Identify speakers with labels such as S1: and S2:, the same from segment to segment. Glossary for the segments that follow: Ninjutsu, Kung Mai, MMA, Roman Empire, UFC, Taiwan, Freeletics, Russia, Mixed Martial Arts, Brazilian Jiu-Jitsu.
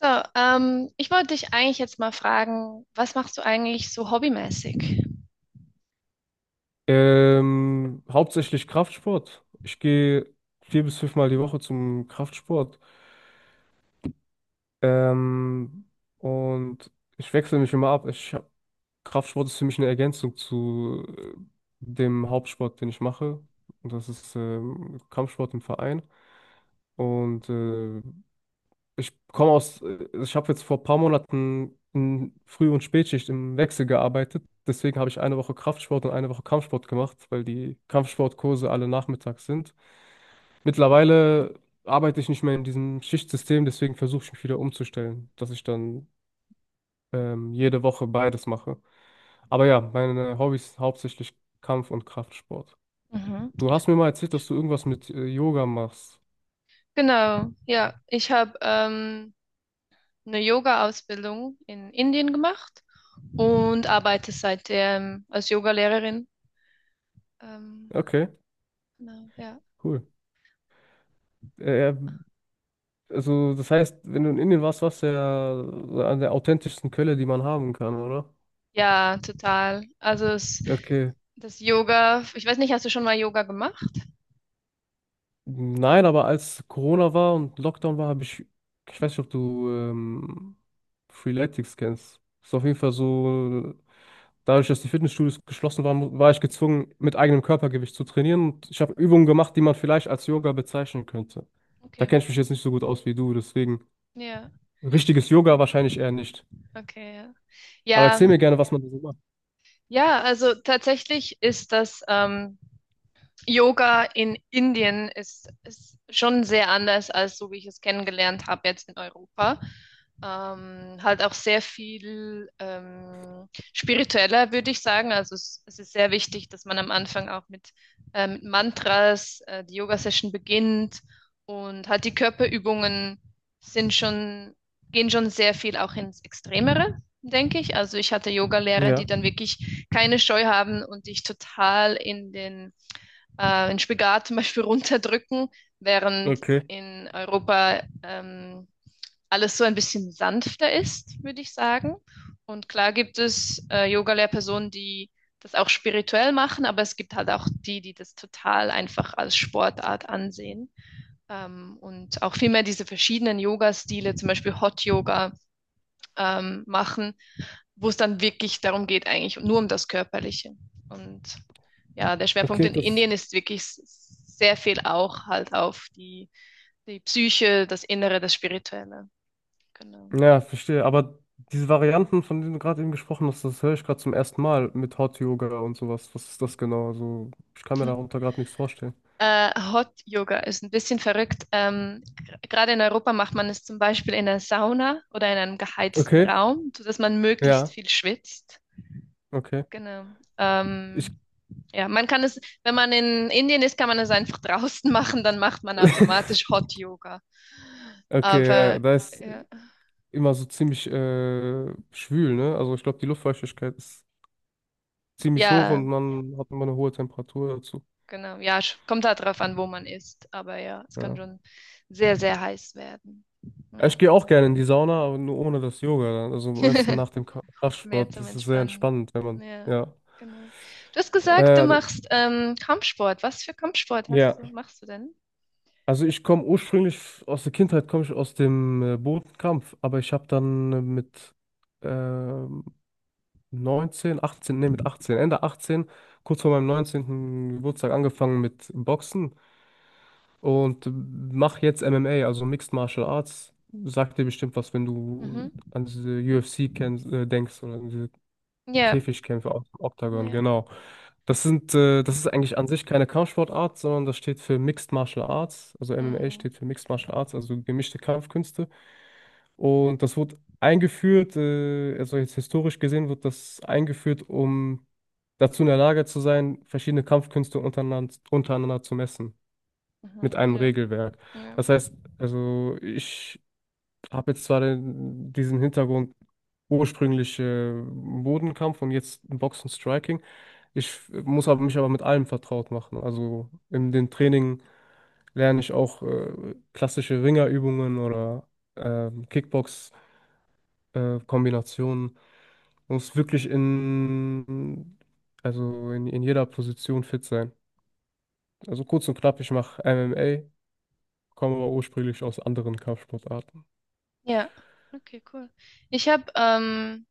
S1: So, ich wollte dich eigentlich jetzt mal fragen, was machst du eigentlich so hobbymäßig?
S2: Hauptsächlich Kraftsport. Ich gehe vier bis fünfmal die Woche zum Kraftsport. Ähm, und ich wechsle mich immer ab. Kraftsport ist für mich eine Ergänzung zu dem Hauptsport, den ich mache. Und das ist Kampfsport im Verein. Und ich habe jetzt vor ein paar Monaten in Früh- und Spätschicht im Wechsel gearbeitet. Deswegen habe ich eine Woche Kraftsport und eine Woche Kampfsport gemacht, weil die Kampfsportkurse alle nachmittags sind. Mittlerweile arbeite ich nicht mehr in diesem Schichtsystem, deswegen versuche ich mich wieder umzustellen, dass ich dann jede Woche beides mache. Aber ja, meine Hobbys sind hauptsächlich Kampf- und Kraftsport.
S1: Mhm.
S2: Du hast mir mal erzählt, dass du irgendwas mit Yoga machst.
S1: Genau, ja. Ich habe eine Yoga-Ausbildung in Indien gemacht und arbeite seitdem als Yogalehrerin. Ähm,
S2: Okay,
S1: genau, ja.
S2: cool. Äh, äh, also das heißt, wenn du in Indien warst, warst du ja an der authentischsten Quelle, die man haben kann, oder?
S1: Ja, total.
S2: Okay.
S1: Das Yoga, ich weiß nicht, hast du schon mal Yoga gemacht?
S2: Nein, aber als Corona war und Lockdown war, ich weiß nicht, ob du Freeletics kennst. Ist auf jeden Fall so, dadurch, dass die Fitnessstudios geschlossen waren, war ich gezwungen, mit eigenem Körpergewicht zu trainieren. Und ich habe Übungen gemacht, die man vielleicht als Yoga bezeichnen könnte. Da
S1: Okay,
S2: kenne ich mich jetzt nicht so gut aus wie du, deswegen
S1: ja,
S2: richtiges Yoga wahrscheinlich eher nicht.
S1: okay,
S2: Aber
S1: ja. Ja,
S2: erzähl mir gerne, was man da so macht.
S1: ja, also tatsächlich ist das Yoga in Indien ist schon sehr anders als so, wie ich es kennengelernt habe jetzt in Europa. Halt auch sehr viel spiritueller, würde ich sagen. Es ist sehr wichtig, dass man am Anfang auch mit Mantras die Yoga-Session beginnt und halt die Körperübungen sind schon, gehen schon sehr viel auch ins Extremere, denke ich. Also ich hatte Yoga-Lehrer, die
S2: Ja,
S1: dann wirklich keine Scheu haben und dich total in den den Spagat zum Beispiel runterdrücken, während
S2: okay.
S1: in Europa alles so ein bisschen sanfter ist, würde ich sagen. Und klar gibt es Yoga-Lehrpersonen, die das auch spirituell machen, aber es gibt halt auch die, die das total einfach als Sportart ansehen. Und auch vielmehr diese verschiedenen Yoga-Stile, zum Beispiel Hot Yoga machen, wo es dann wirklich darum geht, eigentlich nur um das Körperliche. Und ja, der Schwerpunkt
S2: Okay,
S1: in
S2: das.
S1: Indien ist wirklich sehr viel auch halt auf die Psyche, das Innere, das Spirituelle. Genau.
S2: Ja, verstehe. Aber diese Varianten, von denen du gerade eben gesprochen hast, das höre ich gerade zum ersten Mal mit Hot Yoga und sowas. Was ist das genau? Also, ich kann mir darunter gerade nichts vorstellen.
S1: Hot Yoga ist ein bisschen verrückt. Gerade in Europa macht man es zum Beispiel in einer Sauna oder in einem geheizten
S2: Okay,
S1: Raum, sodass man möglichst
S2: ja,
S1: viel schwitzt.
S2: okay.
S1: Genau.
S2: Ich,
S1: Ähm, ja, man kann es, wenn man in Indien ist, kann man es einfach draußen machen, dann macht man automatisch Hot Yoga.
S2: okay, ja, ja,
S1: Aber
S2: da ist
S1: ja,
S2: immer so ziemlich schwül, ne? Also, ich glaube, die Luftfeuchtigkeit ist ziemlich hoch
S1: ja,
S2: und man hat immer eine hohe Temperatur dazu.
S1: genau, ja, kommt halt drauf an, wo man ist. Aber ja, es kann
S2: Ja.
S1: schon sehr, sehr heiß werden.
S2: Ja,
S1: Ja,
S2: ich gehe auch gerne in die Sauna, aber nur ohne das Yoga dann. Also, am besten nach dem
S1: mehr
S2: Kraftsport.
S1: zum
S2: Das ist sehr
S1: Entspannen.
S2: entspannend, wenn man,
S1: Ja,
S2: ja.
S1: genau. Du hast gesagt, du
S2: Äh,
S1: machst Kampfsport. Was für Kampfsport
S2: ja.
S1: machst du denn?
S2: Also ich komme ursprünglich aus der Kindheit, komme ich aus dem Bodenkampf, aber ich habe dann mit ähm, 19, 18, nee, mit 18, Ende 18, kurz vor meinem 19. Geburtstag angefangen mit Boxen und mache jetzt MMA, also Mixed Martial Arts. Sagt dir bestimmt was, wenn du
S1: Mhm.
S2: an diese UFC denkst oder an diese
S1: Ja,
S2: Käfigkämpfe aus dem Oktagon,
S1: ja.
S2: genau. Das ist eigentlich an sich keine Kampfsportart, sondern das steht für Mixed Martial Arts. Also MMA
S1: Mhm.
S2: steht für Mixed Martial Arts, also gemischte Kampfkünste. Und das wurde eingeführt, also jetzt historisch gesehen wird das eingeführt, um dazu in der Lage zu sein, verschiedene Kampfkünste untereinander zu messen mit
S1: Mhm.
S2: einem
S1: Ja,
S2: Regelwerk.
S1: ja.
S2: Das heißt, also ich habe jetzt zwar diesen Hintergrund ursprünglich Bodenkampf und jetzt Boxen Striking. Ich muss aber mich aber mit allem vertraut machen. Also in den Training lerne ich auch klassische Ringerübungen oder ähm, Kickbox-Kombinationen. Man muss wirklich also in jeder Position fit sein. Also kurz und knapp, ich mache MMA, komme aber ursprünglich aus anderen Kampfsportarten.
S1: Ja, okay, cool. Ich habe ähm,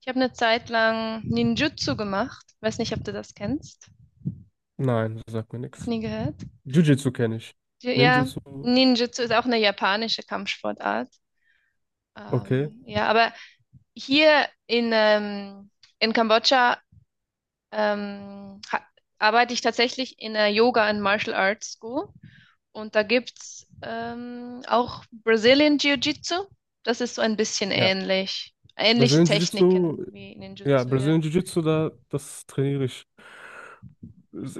S1: ich habe eine Zeit lang Ninjutsu gemacht. Weiß nicht, ob du das kennst.
S2: Nein, das sagt mir
S1: Noch
S2: nichts.
S1: nie gehört?
S2: Jiu-Jitsu kenne ich.
S1: Ja, ja,
S2: Ninjutsu,
S1: Ninjutsu ist auch eine japanische Kampfsportart.
S2: okay.
S1: Ja, aber hier in Kambodscha ähm, ha- arbeite ich tatsächlich in einer Yoga and Martial Arts School. Und da gibt's auch Brazilian Jiu-Jitsu. Das ist so ein bisschen
S2: Ja.
S1: ähnlich. Ähnliche
S2: Brazilian Jiu-Jitsu,
S1: Techniken wie
S2: ja,
S1: Ninjutsu, ja.
S2: Brazilian Jiu-Jitsu, da, das trainiere ich.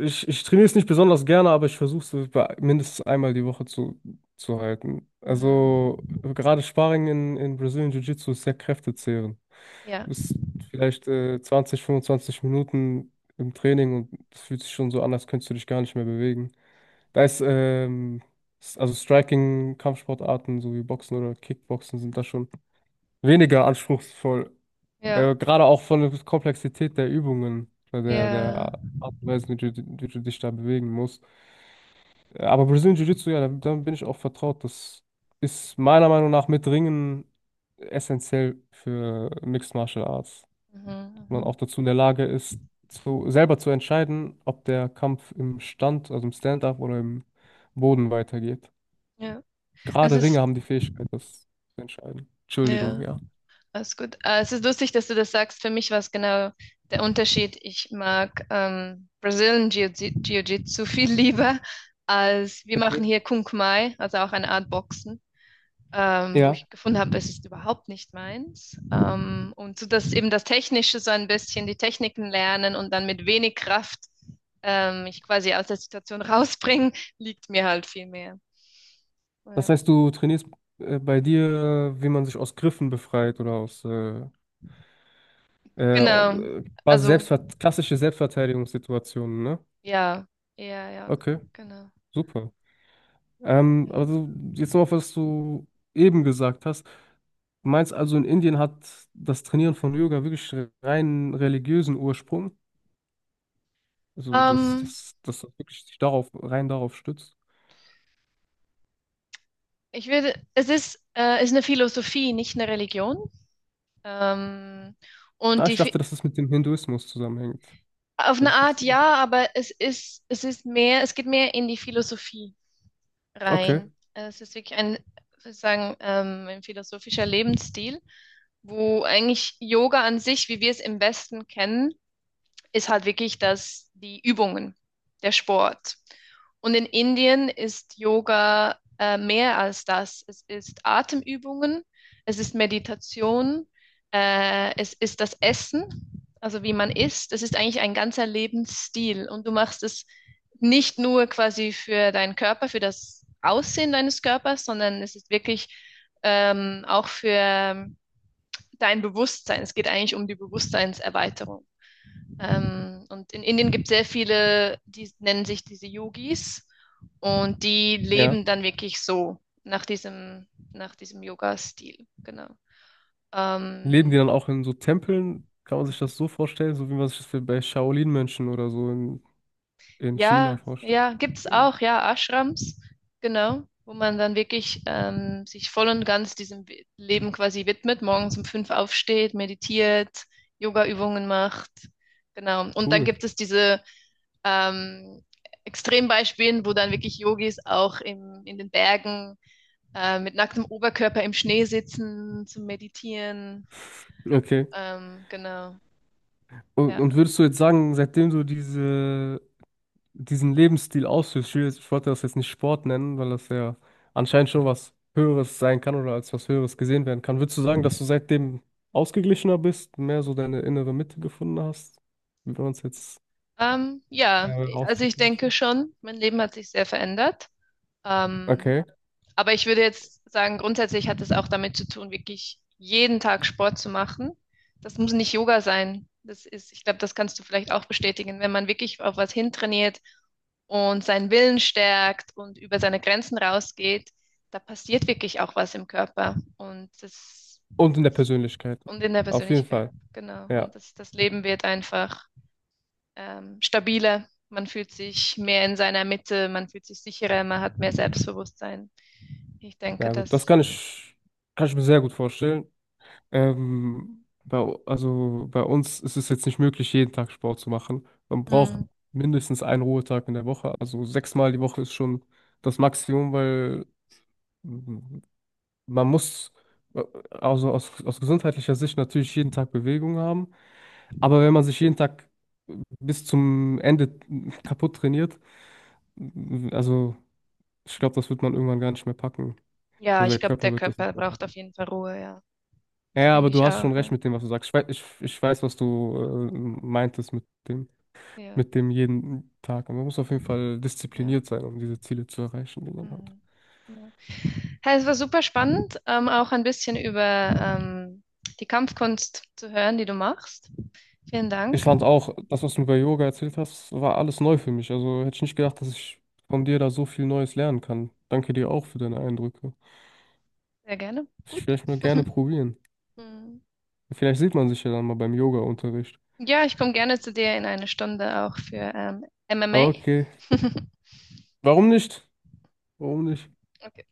S2: Ich trainiere es nicht besonders gerne, aber ich versuche es mindestens einmal die Woche zu halten.
S1: Mhm.
S2: Also gerade Sparring in Brazilian Jiu-Jitsu ist sehr kräftezehrend.
S1: Ja,
S2: Du bist vielleicht 20, 25 Minuten im Training und es fühlt sich schon so an, als könntest du dich gar nicht mehr bewegen. Da ist, ähm, also Striking, Kampfsportarten so wie Boxen oder Kickboxen sind da schon weniger anspruchsvoll.
S1: ja,
S2: Gerade auch von der Komplexität der Übungen, der,
S1: ja.
S2: der Art und Weise, wie du dich da bewegen musst. Aber Brazilian Jiu-Jitsu, ja, damit bin ich auch vertraut. Das ist meiner Meinung nach mit Ringen essentiell für Mixed Martial Arts. Dass
S1: Mhm,
S2: man
S1: mhm.
S2: auch dazu in der Lage ist, selber zu entscheiden, ob der Kampf im Stand, also im Stand-up oder im Boden weitergeht.
S1: Ja. Es
S2: Gerade Ringer
S1: ist,
S2: haben die Fähigkeit, das zu entscheiden. Entschuldigung,
S1: ja,
S2: ja.
S1: alles gut. Es ist lustig, dass du das sagst. Für mich war es genau der Unterschied. Ich mag Jiu-Jitsu viel lieber als wir machen
S2: Okay.
S1: hier Kung Mai, also auch eine Art Boxen. Wo
S2: Ja.
S1: ich gefunden habe, es ist überhaupt nicht meins. Und so dass eben das Technische so ein bisschen die Techniken lernen und dann mit wenig Kraft mich quasi aus der Situation rausbringen, liegt mir halt viel mehr.
S2: Das
S1: Ja.
S2: heißt, du trainierst bei dir, wie man sich aus Griffen befreit oder aus
S1: Genau.
S2: quasi
S1: Also,
S2: Selbstver klassische Selbstverteidigungssituationen, ne?
S1: ja. Ja, ja,
S2: Okay,
S1: genau.
S2: super. Ähm,
S1: Ja.
S2: also jetzt noch auf, was du eben gesagt hast. Du meinst also, in Indien hat das Trainieren von Yoga wirklich rein religiösen Ursprung? Also, dass
S1: Ähm,
S2: das wirklich sich darauf, rein darauf stützt?
S1: ich würde, ist eine Philosophie, nicht eine Religion. Ähm,
S2: Ah,
S1: und
S2: ich dachte, dass das mit dem Hinduismus zusammenhängt,
S1: auf
S2: hätte
S1: eine
S2: ich jetzt
S1: Art
S2: gedacht.
S1: ja, aber es ist mehr, es geht mehr in die Philosophie
S2: Okay,
S1: rein. Es ist wirklich ein, sozusagen, ein philosophischer Lebensstil, wo eigentlich Yoga an sich, wie wir es im Westen kennen, ist halt wirklich das, die Übungen, der Sport. Und in Indien ist Yoga mehr als das. Es ist Atemübungen, es ist Meditation, es ist das Essen, also wie man isst. Es ist eigentlich ein ganzer Lebensstil und du machst es nicht nur quasi für deinen Körper, für das Aussehen deines Körpers, sondern es ist wirklich auch für dein Bewusstsein. Es geht eigentlich um die Bewusstseinserweiterung. Und in Indien gibt es sehr viele, die nennen sich diese Yogis und die
S2: ja.
S1: leben dann wirklich so nach nach diesem Yoga-Stil. Genau.
S2: Leben die
S1: Ähm,
S2: dann auch in so Tempeln? Kann man sich das so vorstellen, so wie man sich das bei Shaolin-Mönchen oder so in China
S1: ja,
S2: vorstellt?
S1: ja, gibt es auch, ja, Ashrams, genau, wo man dann wirklich sich voll und ganz diesem Leben quasi widmet, morgens um fünf aufsteht, meditiert, Yoga-Übungen macht. Genau. Und dann
S2: Cool.
S1: gibt es diese ähm, Extrembeispielen, wo dann wirklich Yogis auch in den Bergen mit nacktem Oberkörper im Schnee sitzen zum Meditieren.
S2: Okay.
S1: Genau.
S2: Und,
S1: Ja.
S2: und würdest du jetzt sagen, seitdem du diese, diesen Lebensstil ausführst, ich wollte das jetzt nicht Sport nennen, weil das ja anscheinend schon was Höheres sein kann oder als was Höheres gesehen werden kann, würdest du sagen, dass du seitdem ausgeglichener bist, mehr so deine innere Mitte gefunden hast, wie wir uns jetzt
S1: Ja, also ich
S2: ausdrücken
S1: denke
S2: möchten?
S1: schon, mein Leben hat sich sehr verändert. Ähm,
S2: Okay.
S1: aber ich würde jetzt sagen, grundsätzlich hat es auch damit zu tun, wirklich jeden Tag Sport zu machen. Das muss nicht Yoga sein. Das ist, ich glaube, das kannst du vielleicht auch bestätigen. Wenn man wirklich auf was hintrainiert, und seinen Willen stärkt und über seine Grenzen rausgeht, da passiert wirklich auch was im Körper und
S2: Und in der
S1: das
S2: Persönlichkeit.
S1: und in der
S2: Auf jeden
S1: Persönlichkeit,
S2: Fall.
S1: genau.
S2: Ja.
S1: Und das Leben wird einfach stabiler. Man fühlt sich mehr in seiner Mitte, man fühlt sich sicherer, man hat mehr Selbstbewusstsein. Ich denke,
S2: Ja gut, das
S1: dass,
S2: kann ich mir sehr gut vorstellen. Ähm, bei, also bei uns ist es jetzt nicht möglich, jeden Tag Sport zu machen. Man braucht
S1: hm,
S2: mindestens einen Ruhetag in der Woche. Also sechsmal die Woche ist schon das Maximum, weil mm, man muss äh, also aus gesundheitlicher Sicht natürlich jeden Tag Bewegung haben. Aber wenn man sich jeden Tag äh, bis zum Ende kaputt trainiert, also ich glaube, das wird man irgendwann gar nicht mehr packen.
S1: ja,
S2: Also der
S1: ich glaube,
S2: Körper
S1: der
S2: wird das
S1: Körper
S2: nicht mehr
S1: braucht auf
S2: packen.
S1: jeden Fall Ruhe, ja.
S2: Ja,
S1: Das
S2: ja, aber
S1: denke
S2: du
S1: ich
S2: hast schon
S1: auch. Ja,
S2: recht mit dem, was du sagst. Ich weiß, was du äh, meintest mit
S1: ja.
S2: mit dem jeden Tag. Und man muss auf jeden Fall
S1: Ja.
S2: diszipliniert sein, um diese Ziele zu erreichen, die man hat.
S1: Hm, genau. Ja, es war super spannend, auch ein bisschen über ähm, die Kampfkunst zu hören, die du machst. Vielen
S2: Ich
S1: Dank.
S2: fand auch, das, was du über Yoga erzählt hast, war alles neu für mich. Also hätte ich nicht gedacht, dass ich von dir da so viel Neues lernen kann. Danke dir auch für deine Eindrücke.
S1: Sehr gerne.
S2: Ich
S1: Gut.
S2: vielleicht mal gerne probieren.
S1: Mm.
S2: Vielleicht sieht man sich ja dann mal beim Yoga-Unterricht.
S1: Ja, ich komme gerne zu dir in einer Stunde auch für MMA.
S2: Okay. Warum nicht? Warum nicht?
S1: Okay.